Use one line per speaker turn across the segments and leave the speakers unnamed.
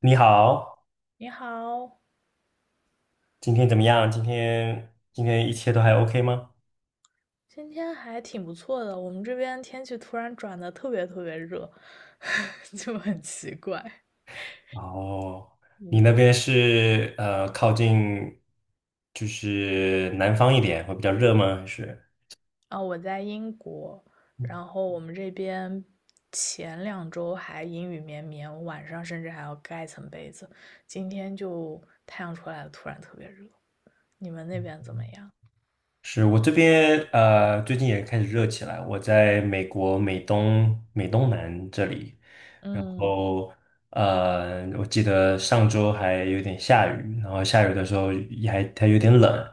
你好，
你好，
今天怎么样？今天一切都还 OK 吗？
今天还挺不错的。我们这边天气突然转得特别特别热，就很奇怪。
哦，你那
嗯，
边是靠近就是南方一点，会比较热吗？还是？
啊，我在英国，然后我们这边前两周还阴雨绵绵，晚上甚至还要盖层被子。今天就太阳出来了，突然特别热。你们那边怎么样？
是我这边最近也开始热起来。我在美国美东南这里，然
嗯
后我记得上周还有点下雨，然后下雨的时候也还它有点冷，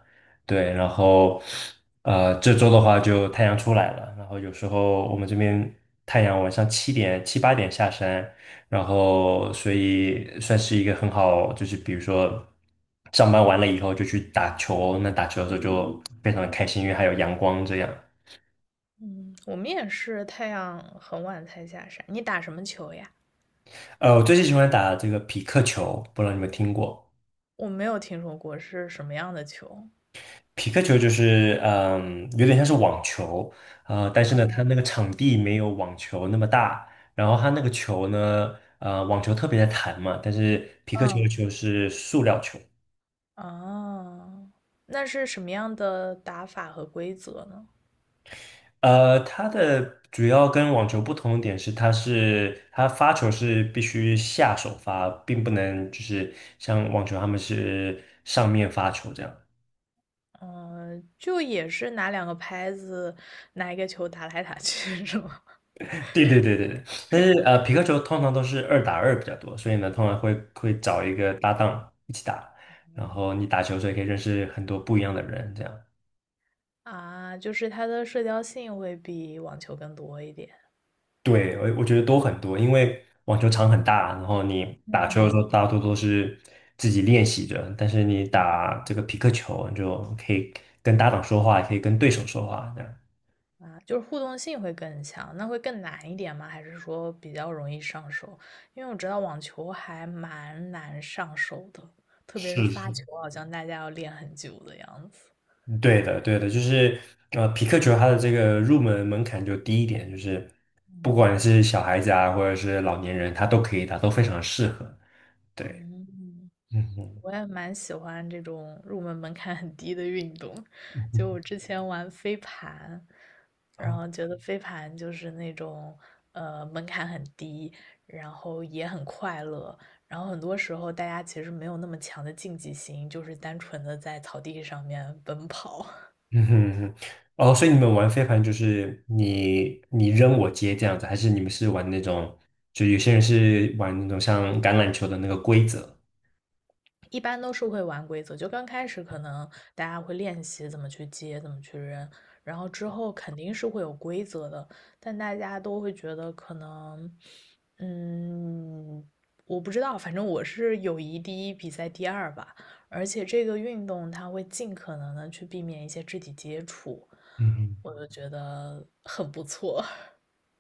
对。然后这周的话就太阳出来了，然后有时候我们这边太阳晚上七八点下山，然后所以算是一个很好，就是比如说上班完了以后就去打球，那打球的时候就非常的开心，因为还有阳光这样。
嗯，我们也是太阳很晚才下山。你打什么球呀？
我最近喜欢打这个匹克球，不知道你们听过？
我没有听说过是什么样的球。
匹克球就是嗯，有点像是网球，但是呢，它那个场地没有网球那么大，然后它那个球呢，网球特别的弹嘛，但是匹克球的
嗯。
球是塑料球。
哦，那是什么样的打法和规则呢？
它的主要跟网球不同的点是，它发球是必须下手发，并不能就是像网球他们是上面发球这样。
嗯，就也是拿两个拍子，拿一个球打来打去，是吗？
对对对对对。但是皮克球通常都是二打二比较多，所以呢，通常会找一个搭档一起打，然后你打球的时候也可以认识很多不一样的人这样。
啊，就是它的社交性会比网球更多一点。
对，我觉得都很多，因为网球场很大，然后你打球的时
嗯，
候大多都是自己练习着，但是你打这个匹克球，你就可以跟搭档说话，也可以跟对手说话，这样。
啊，就是互动性会更强，那会更难一点吗？还是说比较容易上手？因为我知道网球还蛮难上手的，特别是
是
发
是，
球，好像大家要练很久的样子。
对的，对的，就是匹克球它的这个入门门槛就低一点，就是不管是小孩子啊，或者是老年人，他都可以打，都非常适合。对，
嗯，
嗯
我也蛮喜欢这种入门门槛很低的运动，就
嗯，
我之前玩飞盘，然后 觉得飞盘就是那种门槛很低，然后也很快乐，然后很多时候大家其实没有那么强的竞技心，就是单纯的在草地上面奔跑。
嗯哼嗯哼，哦，所以你们玩飞盘就是你扔我接这样子，还是你们是玩那种，就有些人是玩那种像橄榄球的那个规则？
一般都是会玩规则，就刚开始可能大家会练习怎么去接，怎么去扔，然后之后肯定是会有规则的，但大家都会觉得可能，嗯，我不知道，反正我是友谊第一，比赛第二吧。而且这个运动它会尽可能的去避免一些肢体接触，
嗯哼，
我就觉得很不错。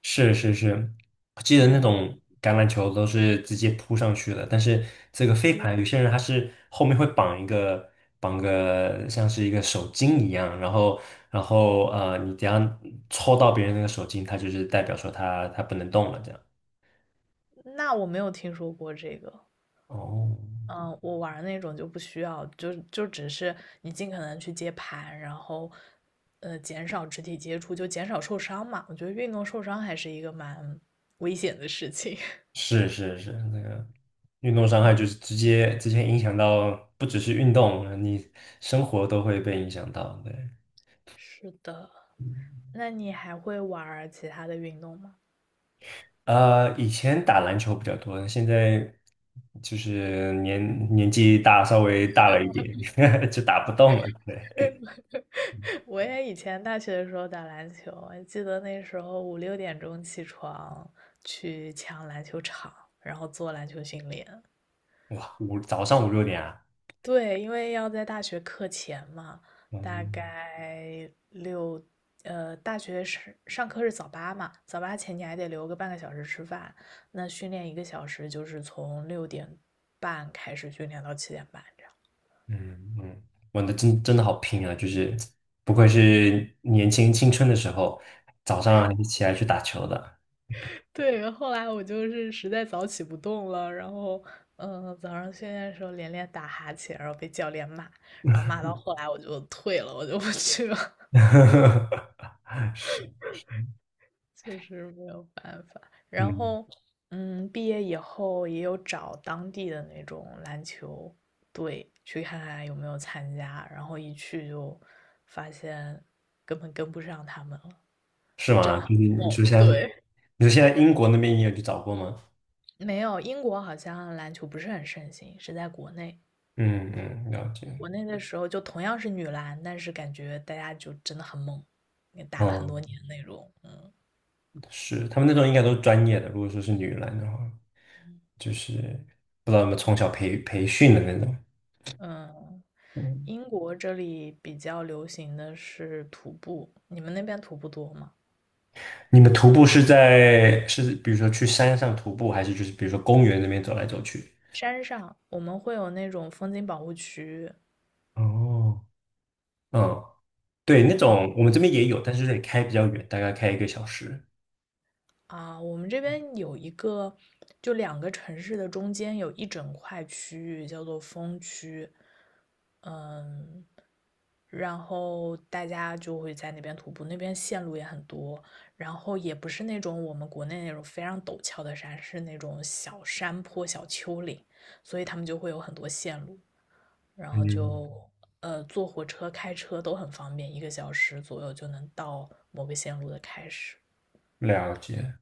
是是是，我记得那
嗯，
种橄榄球都是直接扑上去的，但是这个飞盘有些人他是后面会绑个像是一个手巾一样，然后你只要抽到别人那个手巾，他就是代表说他不能动了这样。
那我没有听说过这个。
哦，
嗯，我玩儿那种就不需要，就只是你尽可能去接盘，然后，呃，减少肢体接触，就减少受伤嘛。我觉得运动受伤还是一个蛮危险的事情。
是是是，那个运动伤害就是直接影响到，不只是运动，你生活都会被影响到。对，
是的，那你还会玩儿其他的运动吗？
以前打篮球比较多，现在就是年纪大，稍微大了一点，就打不动了。对，
我也以前大学的时候打篮球，我记得那时候五六点钟起床去抢篮球场，然后做篮球训练。
哇，五早上五六点啊，
对，因为要在大学课前嘛，大
嗯
概六，呃，大学是上课是早八嘛，早八前你还得留个半个小时吃饭，那训练一个小时就是从六点半开始训练到七点半这样。
嗯嗯，玩的真的好拼啊，就是不愧是年轻青春的时候，早上还是起来去打球的。
对，后来我就是实在早起不动了，然后，嗯、早上训练的时候连打哈欠，然后被教练骂，然后骂到后来我就退了，我就不去了。确实没有办法。然
嗯。
后，嗯，毕业以后也有找当地的那种篮球队去看看有没有参加，然后一去就发现根本跟不上他们了，
是
真
吗？
的
就是
很
你说
猛。
现在，
对，
你说现在英国那边你有去找过吗？
没有，英国好像篮球不是很盛行，是在国内。
嗯嗯，了解。
国内的时候就同样是女篮，但是感觉大家就真的很猛，也打了很
哦，
多年那种。
是，他们那种应该都是专业的。如果说是女篮的话，
嗯
就是不知道有没有从
对，
小培训的那种。
嗯。
嗯，
英国这里比较流行的是徒步，你们那边徒步多吗？
你们徒步是是比如说去山上徒步，还是就是比如说公园那边走来走去？
山上我们会有那种风景保护区，
哦，嗯，对，那
嗯，
种我们这边也有，但是得开比较远，大概开一个小时。
啊，我们这边有一个，就两个城市的中间有一整块区域叫做风区，嗯，然后大家就会在那边徒步，那边线路也很多，然后也不是那种我们国内那种非常陡峭的山，是那种小山坡、小丘陵，所以他们就会有很多线路。然后
嗯
就呃坐火车、开车都很方便，一个小时左右就能到某个线路的开始。
了解。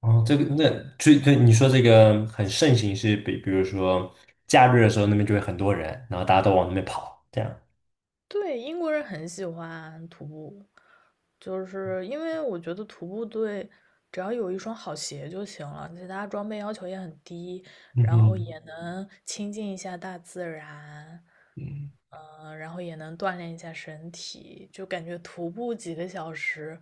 哦，这个那对你说这个很盛行是比如说假日的时候那边就会很多人，然后大家都往那边跑，这样。
对，英国人很喜欢徒步，就是因为我觉得徒步对，只要有一双好鞋就行了，其他装备要求也很低，
嗯
然后
哼，
也能亲近一下大自然，
嗯，
嗯、然后也能锻炼一下身体，就感觉徒步几个小时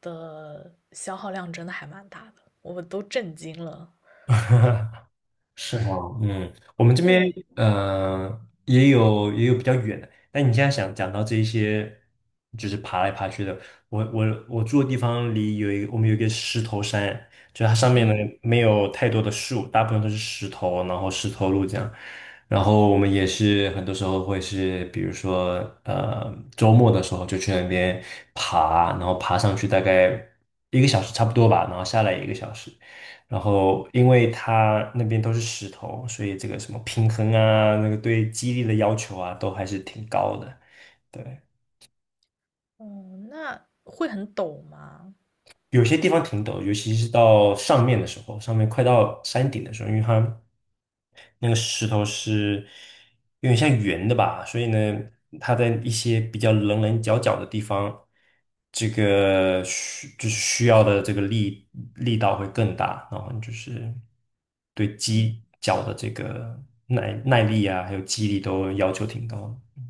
的消耗量真的还蛮大的，我都震惊了。
是吗？嗯，我们这边
对，
也有比较远的，但你现在想讲到这一些，就是爬来爬去的，我住的地方离有一个我们有一个石头山，就它上面呢
嗯，
没有太多的树，大部分都是石头，然后石头路这样，然后我们也是很多时候会是，比如说周末的时候就去那边爬，然后爬上去大概一个小时差不多吧，然后下来一个小时。然后因为它那边都是石头，所以这个什么平衡啊，那个对肌力的要求啊，都还是挺高的。对，
哦，那会很陡吗？
有些地方挺陡，尤其是到上面的时候，上面快到山顶的时候，因为它那个石头是有点像圆的吧，所以呢，它在一些比较棱棱角角的地方，这个就是需要的这个力道会更大，然后就是对
嗯，
肌脚的这个耐力啊，还有肌力都要求挺高的。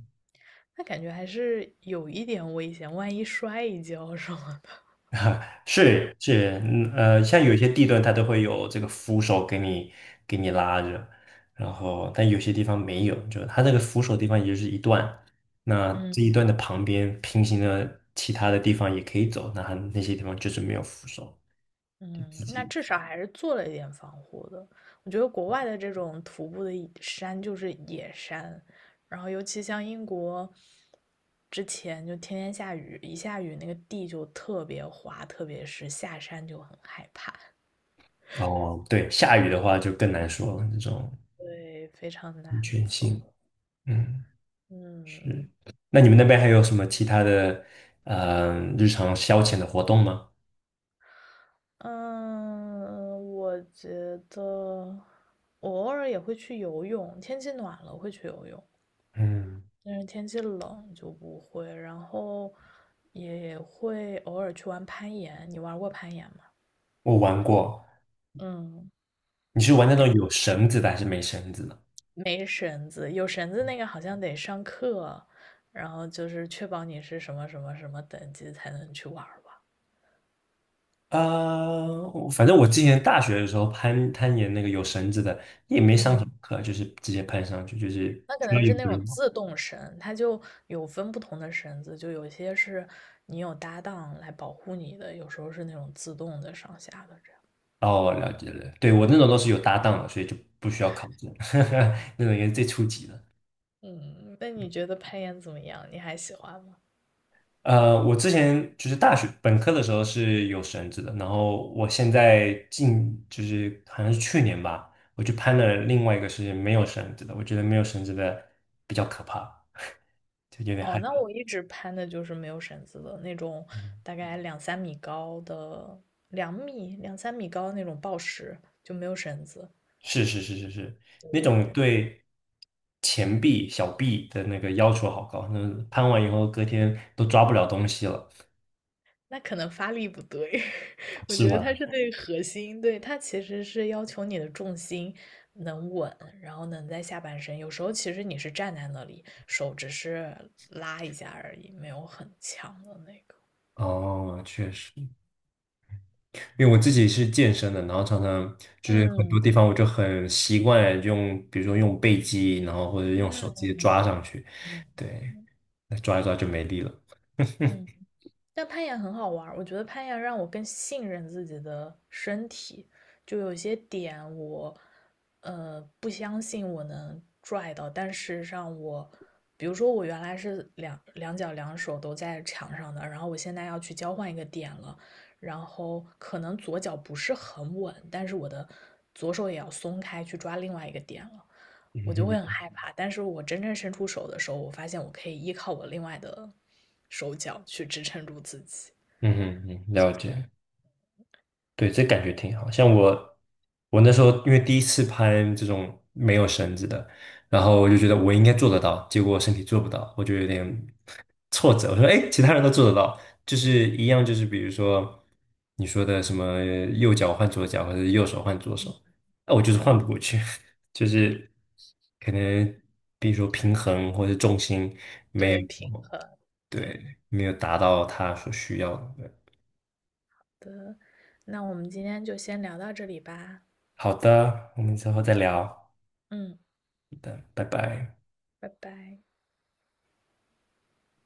那感觉还是有一点危险，万一摔一跤什么的。
是是，嗯像有些地段它都会有这个扶手给你拉着，然后但有些地方没有，就它这个扶手地方也就是一段，那
嗯
这一段的旁边平行的其他的地方也可以走，那它那些地方就是没有扶手，
嗯，
自
那
己
至少还是做了一点防护的。我觉得国外的这种徒步的山就是野山，然后尤其像英国，之前就天天下雨，一下雨那个地就特别滑，特别是下山就很害怕，
哦，对，下雨的话就更难说了，这种
对，非常难
安全性，
走。
嗯，是。
嗯，
那你们那边还有什么其他的日常消遣的活动吗？
嗯，我觉得我偶尔也会去游泳，天气暖了会去游泳，
嗯，
但是天气冷就不会。然后也会偶尔去玩攀岩，你玩过攀岩吗？
我玩过。
嗯，
你是玩那种有
感
绳子的还是没绳子的？
没绳子，有绳子那个好像得上课，然后就是确保你是什么什么什么等级才能去玩儿吧。
我反正我之前大学的时候攀岩那个有绳子的，也没上什
嗯。
么课，就是直接攀上去，就是
那可
需要
能是
有
那
个
种
人。
自动绳，它就有分不同的绳子，就有些是你有搭档来保护你的，有时候是那种自动的上下的这样。
哦，了解了，对，我那种都是有搭档的，所以就不需要考证，那种也是最初级的。
嗯，那你觉得攀岩怎么样？你还喜欢吗？
我之前就是大学本科的时候是有绳子的，然后我现在近就是好像是去年吧，我去攀了另外一个是没有绳子的，我觉得没有绳子的比较可怕，就有点
哦，
害
那我一直攀的就是没有绳子的那种，
怕。
大概两三米高的，两三米高的那种抱石，就没有绳子，
是，那种对前臂、小臂的那个要求好高，那攀完以后隔天都抓不了东西了，
那可能发力不对，我
是
觉得
吧？
它是对核心，对，它其实是要求你的重心能稳，然后能在下半身。有时候其实你是站在那里，手只是拉一下而已，没有很强的那个。
哦，确实，因为我自己是健身的，然后常常就是很多
嗯
地方我就很习惯用，比如说用背肌，然后或者用手直
嗯
接抓上去，
嗯
对，那抓一抓就没力了。
嗯。但攀岩很好玩儿，我觉得攀岩让我更信任自己的身体，就有些点我，呃，不相信我能拽到，但事实上我，比如说我原来是两脚两手都在墙上的，然后我现在要去交换一个点了，然后可能左脚不是很稳，但是我的左手也要松开去抓另外一个点了，
嗯
我就会
哼，
很害怕。但是我真正伸出手的时候，我发现我可以依靠我另外的手脚去支撑住自己。
嗯哼，嗯了解。对，这感觉挺好。像我，我那时候因为第一次拍这种没有绳子的，然后我就觉得我应该做得到，结果身体做不到，我就有点挫折。我说，哎，其他人都做得到，就是一样，就是比如说你说的什么右脚换左脚，或者是右手换左手，那我就是
嗯，
换不过去，就是可能比如说平衡或者重心没有，
对，平衡，
对，
对
没有达到他所需要的。对
的。那我们今天就先聊到这里吧。
好的，我们之后再聊。
嗯，
拜拜。
拜拜。